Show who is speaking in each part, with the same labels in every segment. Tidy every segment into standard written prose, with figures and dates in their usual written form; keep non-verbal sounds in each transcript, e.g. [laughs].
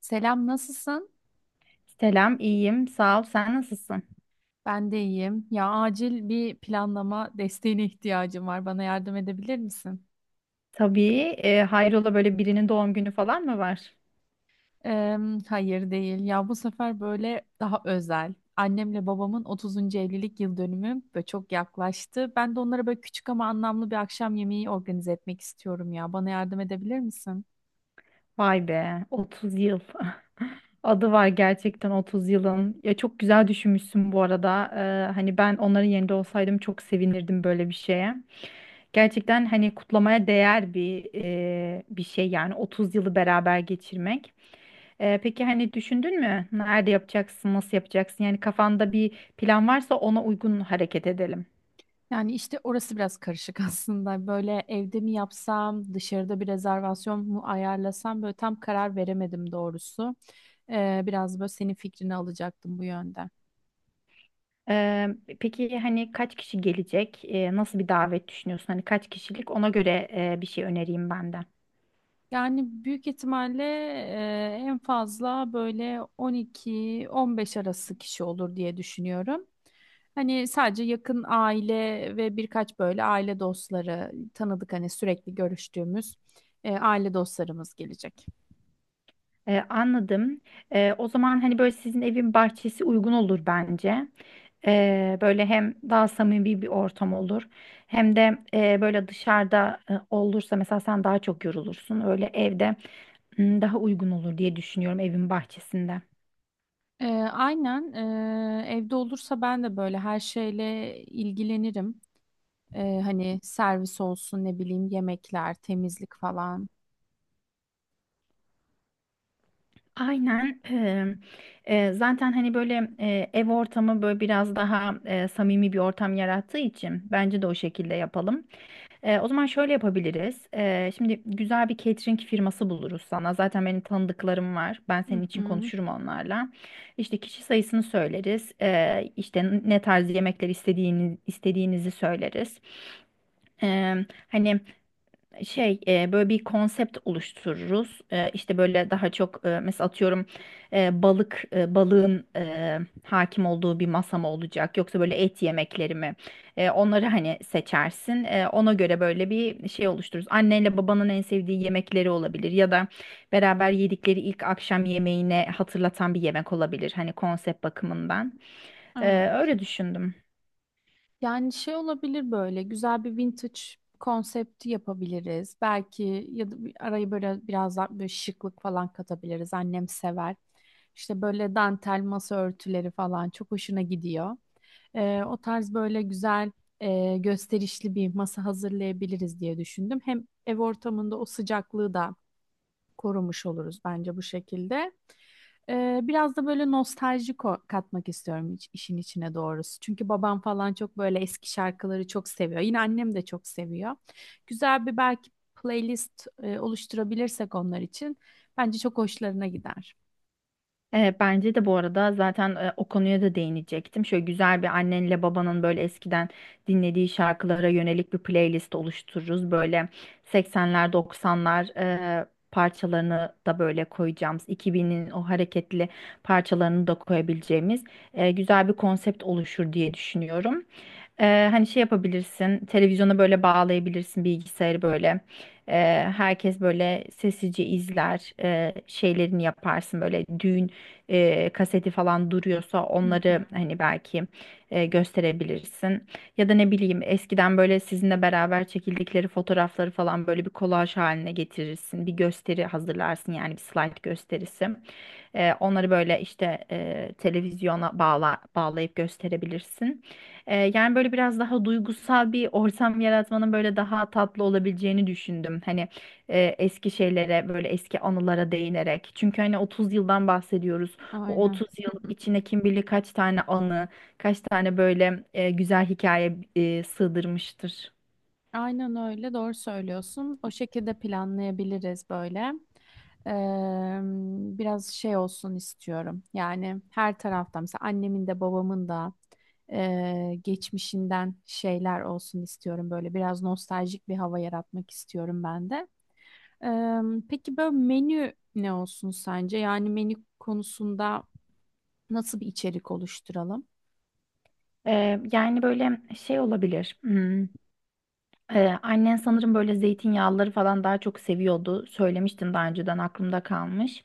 Speaker 1: Selam, nasılsın?
Speaker 2: Selam, iyiyim. Sağ ol. Sen nasılsın?
Speaker 1: Ben de iyiyim. Ya acil bir planlama desteğine ihtiyacım var. Bana yardım edebilir misin?
Speaker 2: Tabii. Hayrola böyle birinin doğum günü falan mı var?
Speaker 1: Eee, hayır değil. Ya bu sefer böyle daha özel. Annemle babamın 30. evlilik yıl dönümü ve çok yaklaştı. Ben de onlara böyle küçük ama anlamlı bir akşam yemeği organize etmek istiyorum ya. Bana yardım edebilir misin?
Speaker 2: Vay be, 30 yıl. [laughs] Adı var gerçekten 30 yılın. Ya çok güzel düşünmüşsün bu arada. Hani ben onların yerinde olsaydım çok sevinirdim böyle bir şeye. Gerçekten hani kutlamaya değer bir şey yani 30 yılı beraber geçirmek. Peki hani düşündün mü? Nerede yapacaksın? Nasıl yapacaksın? Yani kafanda bir plan varsa ona uygun hareket edelim.
Speaker 1: Yani işte orası biraz karışık [laughs] aslında. Böyle evde mi yapsam, dışarıda bir rezervasyon mu ayarlasam böyle tam karar veremedim doğrusu. Biraz böyle senin fikrini alacaktım bu yönde.
Speaker 2: Ee, peki hani kaç kişi gelecek? Nasıl bir davet düşünüyorsun? Hani kaç kişilik? Ona göre bir şey önereyim ben de.
Speaker 1: Yani büyük ihtimalle en fazla böyle 12-15 arası kişi olur diye düşünüyorum. Hani sadece yakın aile ve birkaç böyle aile dostları tanıdık hani sürekli görüştüğümüz aile dostlarımız gelecek.
Speaker 2: Anladım. O zaman hani böyle sizin evin bahçesi uygun olur bence. Böyle hem daha samimi bir ortam olur, hem de böyle dışarıda olursa mesela sen daha çok yorulursun. Öyle evde daha uygun olur diye düşünüyorum evin bahçesinde.
Speaker 1: E, aynen evde olursa ben de böyle her şeyle ilgilenirim. Hani servis olsun ne bileyim yemekler, temizlik falan.
Speaker 2: Aynen. Zaten hani böyle ev ortamı böyle biraz daha samimi bir ortam yarattığı için bence de o şekilde yapalım. O zaman şöyle yapabiliriz. Şimdi güzel bir catering firması buluruz sana. Zaten benim tanıdıklarım var. Ben
Speaker 1: Hı
Speaker 2: senin için
Speaker 1: hı.
Speaker 2: konuşurum onlarla. İşte kişi sayısını söyleriz. İşte ne tarz yemekler istediğini, istediğinizi söyleriz. Ee, hani şey böyle bir konsept oluştururuz. E, işte böyle daha çok mesela atıyorum balığın hakim olduğu bir masa mı olacak yoksa böyle et yemekleri mi? Onları hani seçersin. Ona göre böyle bir şey oluştururuz. Annenle babanın en sevdiği yemekleri olabilir ya da beraber yedikleri ilk akşam yemeğine hatırlatan bir yemek olabilir hani konsept bakımından. E,
Speaker 1: Evet.
Speaker 2: öyle düşündüm.
Speaker 1: Yani şey olabilir böyle güzel bir vintage konsepti yapabiliriz. Belki ya da arayı böyle biraz daha böyle şıklık falan katabiliriz. Annem sever. İşte böyle dantel masa örtüleri falan çok hoşuna gidiyor. O tarz böyle güzel gösterişli bir masa hazırlayabiliriz diye düşündüm. Hem ev ortamında o sıcaklığı da korumuş oluruz bence bu şekilde. Biraz da böyle nostalji katmak istiyorum işin içine doğrusu. Çünkü babam falan çok böyle eski şarkıları çok seviyor. Yine annem de çok seviyor. Güzel bir belki playlist oluşturabilirsek onlar için bence çok hoşlarına gider.
Speaker 2: Bence de bu arada zaten o konuya da değinecektim. Şöyle güzel bir annenle babanın böyle eskiden dinlediği şarkılara yönelik bir playlist oluştururuz. Böyle 80'ler 90'lar e, parçalarını da böyle koyacağımız, 2000'in o hareketli parçalarını da koyabileceğimiz güzel bir konsept oluşur diye düşünüyorum. Hani şey yapabilirsin, televizyona böyle bağlayabilirsin, bilgisayarı böyle. Ee, herkes böyle sessizce izler, şeylerini yaparsın böyle düğün kaseti falan duruyorsa
Speaker 1: Hı hı,
Speaker 2: onları hani belki gösterebilirsin. Ya da ne bileyim eskiden böyle sizinle beraber çekildikleri fotoğrafları falan böyle bir kolaj haline getirirsin. Bir gösteri hazırlarsın yani bir slide gösterisi. Onları böyle işte televizyona bağlayıp gösterebilirsin. Yani böyle biraz daha duygusal bir ortam yaratmanın böyle daha tatlı olabileceğini düşündüm. Hani eski şeylere böyle eski anılara değinerek. Çünkü hani 30 yıldan bahsediyoruz. Bu
Speaker 1: aynen.
Speaker 2: 30 yıl içine kim bilir kaç tane anı, kaç tane böyle güzel hikaye sığdırmıştır.
Speaker 1: Aynen öyle doğru söylüyorsun. O şekilde planlayabiliriz böyle. Eee, Biraz şey olsun istiyorum. Yani her taraftan mesela annemin de babamın da geçmişinden şeyler olsun istiyorum. Böyle biraz nostaljik bir hava yaratmak istiyorum ben de. Eee, peki böyle menü ne olsun sence? Yani menü konusunda nasıl bir içerik oluşturalım?
Speaker 2: Yani böyle şey olabilir. Annen sanırım böyle zeytinyağlıları falan daha çok seviyordu. Söylemiştin daha önceden aklımda kalmış.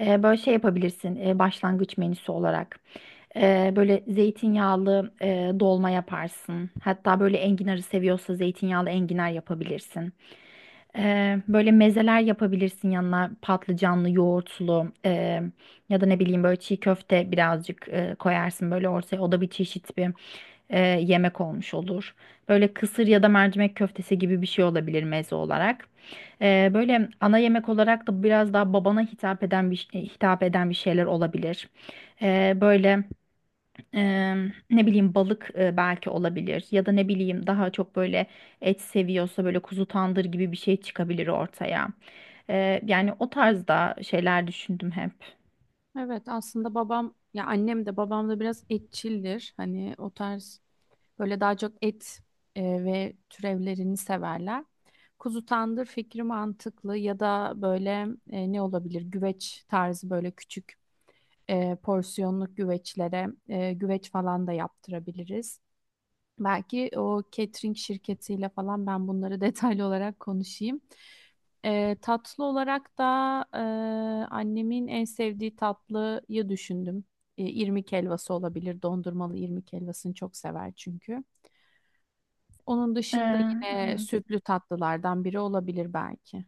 Speaker 2: Böyle şey yapabilirsin başlangıç menüsü olarak. Böyle zeytinyağlı dolma yaparsın. Hatta böyle enginarı seviyorsa zeytinyağlı enginar yapabilirsin. Böyle mezeler yapabilirsin yanına patlıcanlı, yoğurtlu ya da ne bileyim böyle çiğ köfte birazcık koyarsın böyle ortaya. O da bir çeşit bir yemek olmuş olur. Böyle kısır ya da mercimek köftesi gibi bir şey olabilir meze olarak. Böyle ana yemek olarak da biraz daha babana hitap eden bir şeyler olabilir. Böyle. Ne bileyim balık belki olabilir ya da ne bileyim daha çok böyle et seviyorsa böyle kuzu tandır gibi bir şey çıkabilir ortaya. Yani o tarzda şeyler düşündüm hep.
Speaker 1: Evet, aslında babam ya annem de babam da biraz etçildir. Hani o tarz, böyle daha çok et ve türevlerini severler. Kuzu tandır fikri mantıklı ya da böyle ne olabilir? Güveç tarzı böyle küçük porsiyonluk güveçlere güveç falan da yaptırabiliriz. Belki o catering şirketiyle falan ben bunları [laughs] detaylı olarak konuşayım. Tatlı olarak da e, annemin en sevdiği tatlıyı düşündüm. İrmik helvası olabilir. Dondurmalı irmik helvasını çok sever çünkü. Onun dışında
Speaker 2: Eee,
Speaker 1: yine
Speaker 2: evet.
Speaker 1: sütlü tatlılardan biri olabilir belki.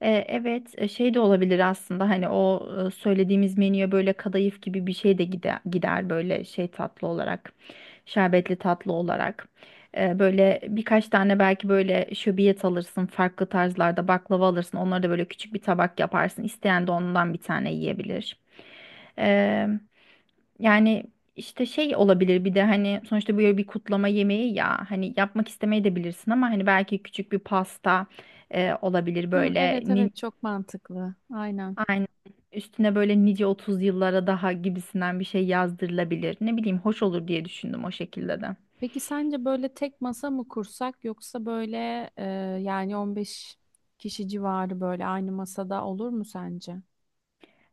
Speaker 2: Evet, şey de olabilir aslında hani o söylediğimiz menüye böyle kadayıf gibi bir şey de gider böyle şey tatlı olarak, şerbetli tatlı olarak. Böyle birkaç tane belki böyle şöbiyet alırsın, farklı tarzlarda baklava alırsın, onları da böyle küçük bir tabak yaparsın. İsteyen de ondan bir tane yiyebilir. E, yani işte şey olabilir bir de hani sonuçta böyle bir kutlama yemeği ya hani yapmak istemeyebilirsin ama hani belki küçük bir pasta olabilir
Speaker 1: Hı,
Speaker 2: böyle.
Speaker 1: evet, evet, çok mantıklı. Aynen.
Speaker 2: Aynen. Üstüne böyle nice 30 yıllara daha gibisinden bir şey yazdırılabilir. Ne bileyim hoş olur diye düşündüm o şekilde de.
Speaker 1: Peki sence böyle tek masa mı kursak yoksa böyle yani 15 kişi civarı böyle aynı masada olur mu sence?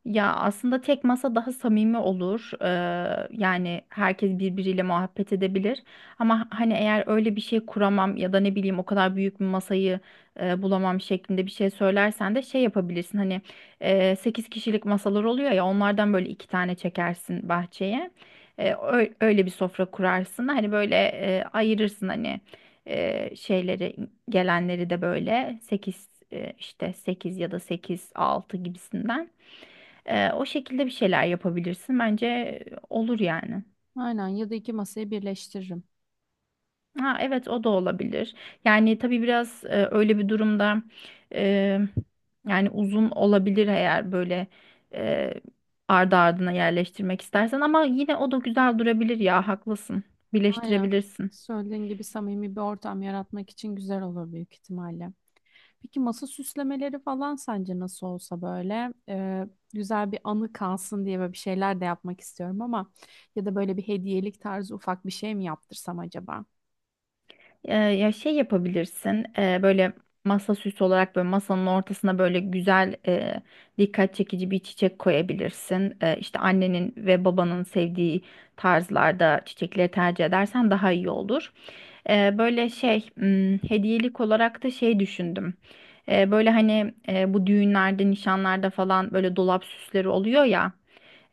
Speaker 2: Ya aslında tek masa daha samimi olur. Yani herkes birbiriyle muhabbet edebilir. Ama hani eğer öyle bir şey kuramam ya da ne bileyim o kadar büyük bir masayı bulamam şeklinde bir şey söylersen de şey yapabilirsin. Hani 8 kişilik masalar oluyor ya onlardan böyle iki tane çekersin bahçeye. Öyle bir sofra kurarsın. Hani böyle ayırırsın hani şeyleri gelenleri de böyle 8 işte 8 ya da 8 6 gibisinden. O şekilde bir şeyler yapabilirsin. Bence olur yani.
Speaker 1: Aynen, ya da iki masayı birleştiririm.
Speaker 2: Ha, evet o da olabilir. Yani tabii biraz öyle bir durumda e, yani uzun olabilir eğer böyle e, ardı ardına yerleştirmek istersen ama yine o da güzel durabilir ya haklısın.
Speaker 1: Aynen.
Speaker 2: Birleştirebilirsin.
Speaker 1: Söylediğin gibi samimi bir ortam yaratmak için güzel olur büyük ihtimalle. Peki masa süslemeleri falan sence nasıl olsa böyle güzel bir anı kalsın diye böyle bir şeyler de yapmak istiyorum ama ya da böyle bir hediyelik tarzı ufak bir şey mi yaptırsam acaba?
Speaker 2: Ya şey yapabilirsin böyle masa süsü olarak böyle masanın ortasına böyle güzel dikkat çekici bir çiçek koyabilirsin. E, işte annenin ve babanın sevdiği tarzlarda çiçekleri tercih edersen daha iyi olur. Böyle şey hediyelik olarak da şey düşündüm. Böyle hani bu düğünlerde, nişanlarda falan böyle dolap süsleri oluyor ya.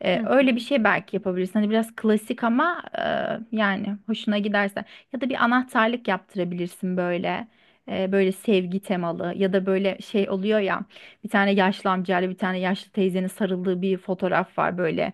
Speaker 2: Ee,
Speaker 1: Hı
Speaker 2: öyle bir
Speaker 1: hı.
Speaker 2: şey belki yapabilirsin. Hani biraz klasik ama yani hoşuna giderse. Ya da bir anahtarlık yaptırabilirsin böyle. Böyle sevgi temalı ya da böyle şey oluyor ya. Bir tane yaşlı amcayla bir tane yaşlı teyzenin sarıldığı bir fotoğraf var böyle.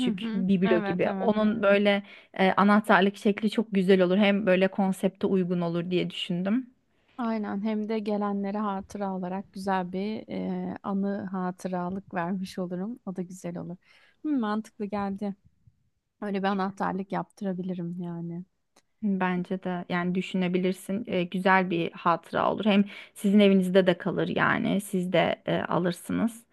Speaker 1: Hı hı.
Speaker 2: biblo
Speaker 1: Evet,
Speaker 2: gibi.
Speaker 1: evet.
Speaker 2: Onun böyle anahtarlık şekli çok güzel olur. Hem böyle konsepte uygun olur diye düşündüm.
Speaker 1: Aynen, hem de gelenlere hatıra olarak güzel bir anı, hatıralık vermiş olurum. O da güzel olur. Hı, mantıklı geldi. Öyle bir anahtarlık yaptırabilirim yani.
Speaker 2: Bence de yani düşünebilirsin. Güzel bir hatıra olur. Hem sizin evinizde de kalır yani. Siz de alırsınız.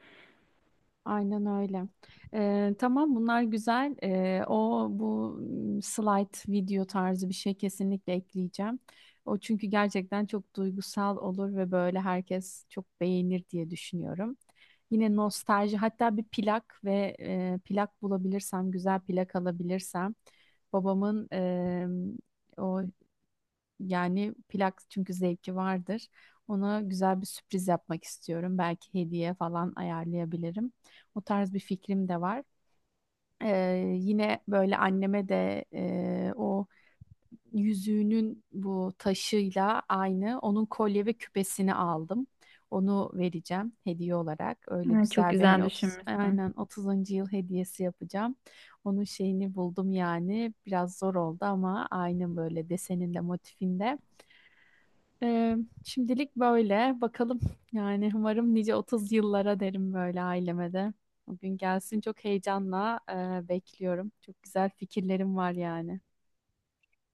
Speaker 1: Aynen öyle. Tamam, bunlar güzel. O bu slide video tarzı bir şey kesinlikle ekleyeceğim. O çünkü gerçekten çok duygusal olur ve böyle herkes çok beğenir diye düşünüyorum. Yine nostalji, hatta bir plak ve plak bulabilirsem, güzel plak alabilirsem babamın o yani plak çünkü zevki vardır. Ona güzel bir sürpriz yapmak istiyorum. Belki hediye falan ayarlayabilirim. O tarz bir fikrim de var. Yine böyle anneme de o yüzüğünün bu taşıyla aynı onun kolye ve küpesini aldım. Onu vereceğim hediye olarak. Öyle
Speaker 2: Çok
Speaker 1: güzel bir
Speaker 2: güzel
Speaker 1: hani 30,
Speaker 2: düşünmüşsün.
Speaker 1: aynen 30. yıl hediyesi yapacağım. Onun şeyini buldum yani. Biraz zor oldu ama aynı böyle deseninde, motifinde. Ee, Şimdilik böyle. Bakalım, yani umarım nice 30 yıllara derim böyle aileme de. O gün gelsin, çok heyecanla bekliyorum. Çok güzel fikirlerim var yani.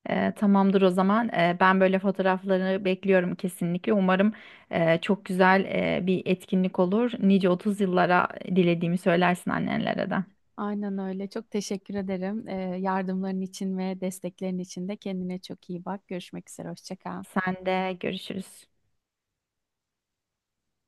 Speaker 2: Tamamdır o zaman. Ben böyle fotoğrafları bekliyorum kesinlikle. Umarım çok güzel bir etkinlik olur. Nice 30 yıllara dilediğimi söylersin annenlere de.
Speaker 1: Aynen öyle. Çok teşekkür ederim. Yardımların için ve desteklerin için de kendine çok iyi bak. Görüşmek üzere. Hoşça kal.
Speaker 2: Sen de görüşürüz.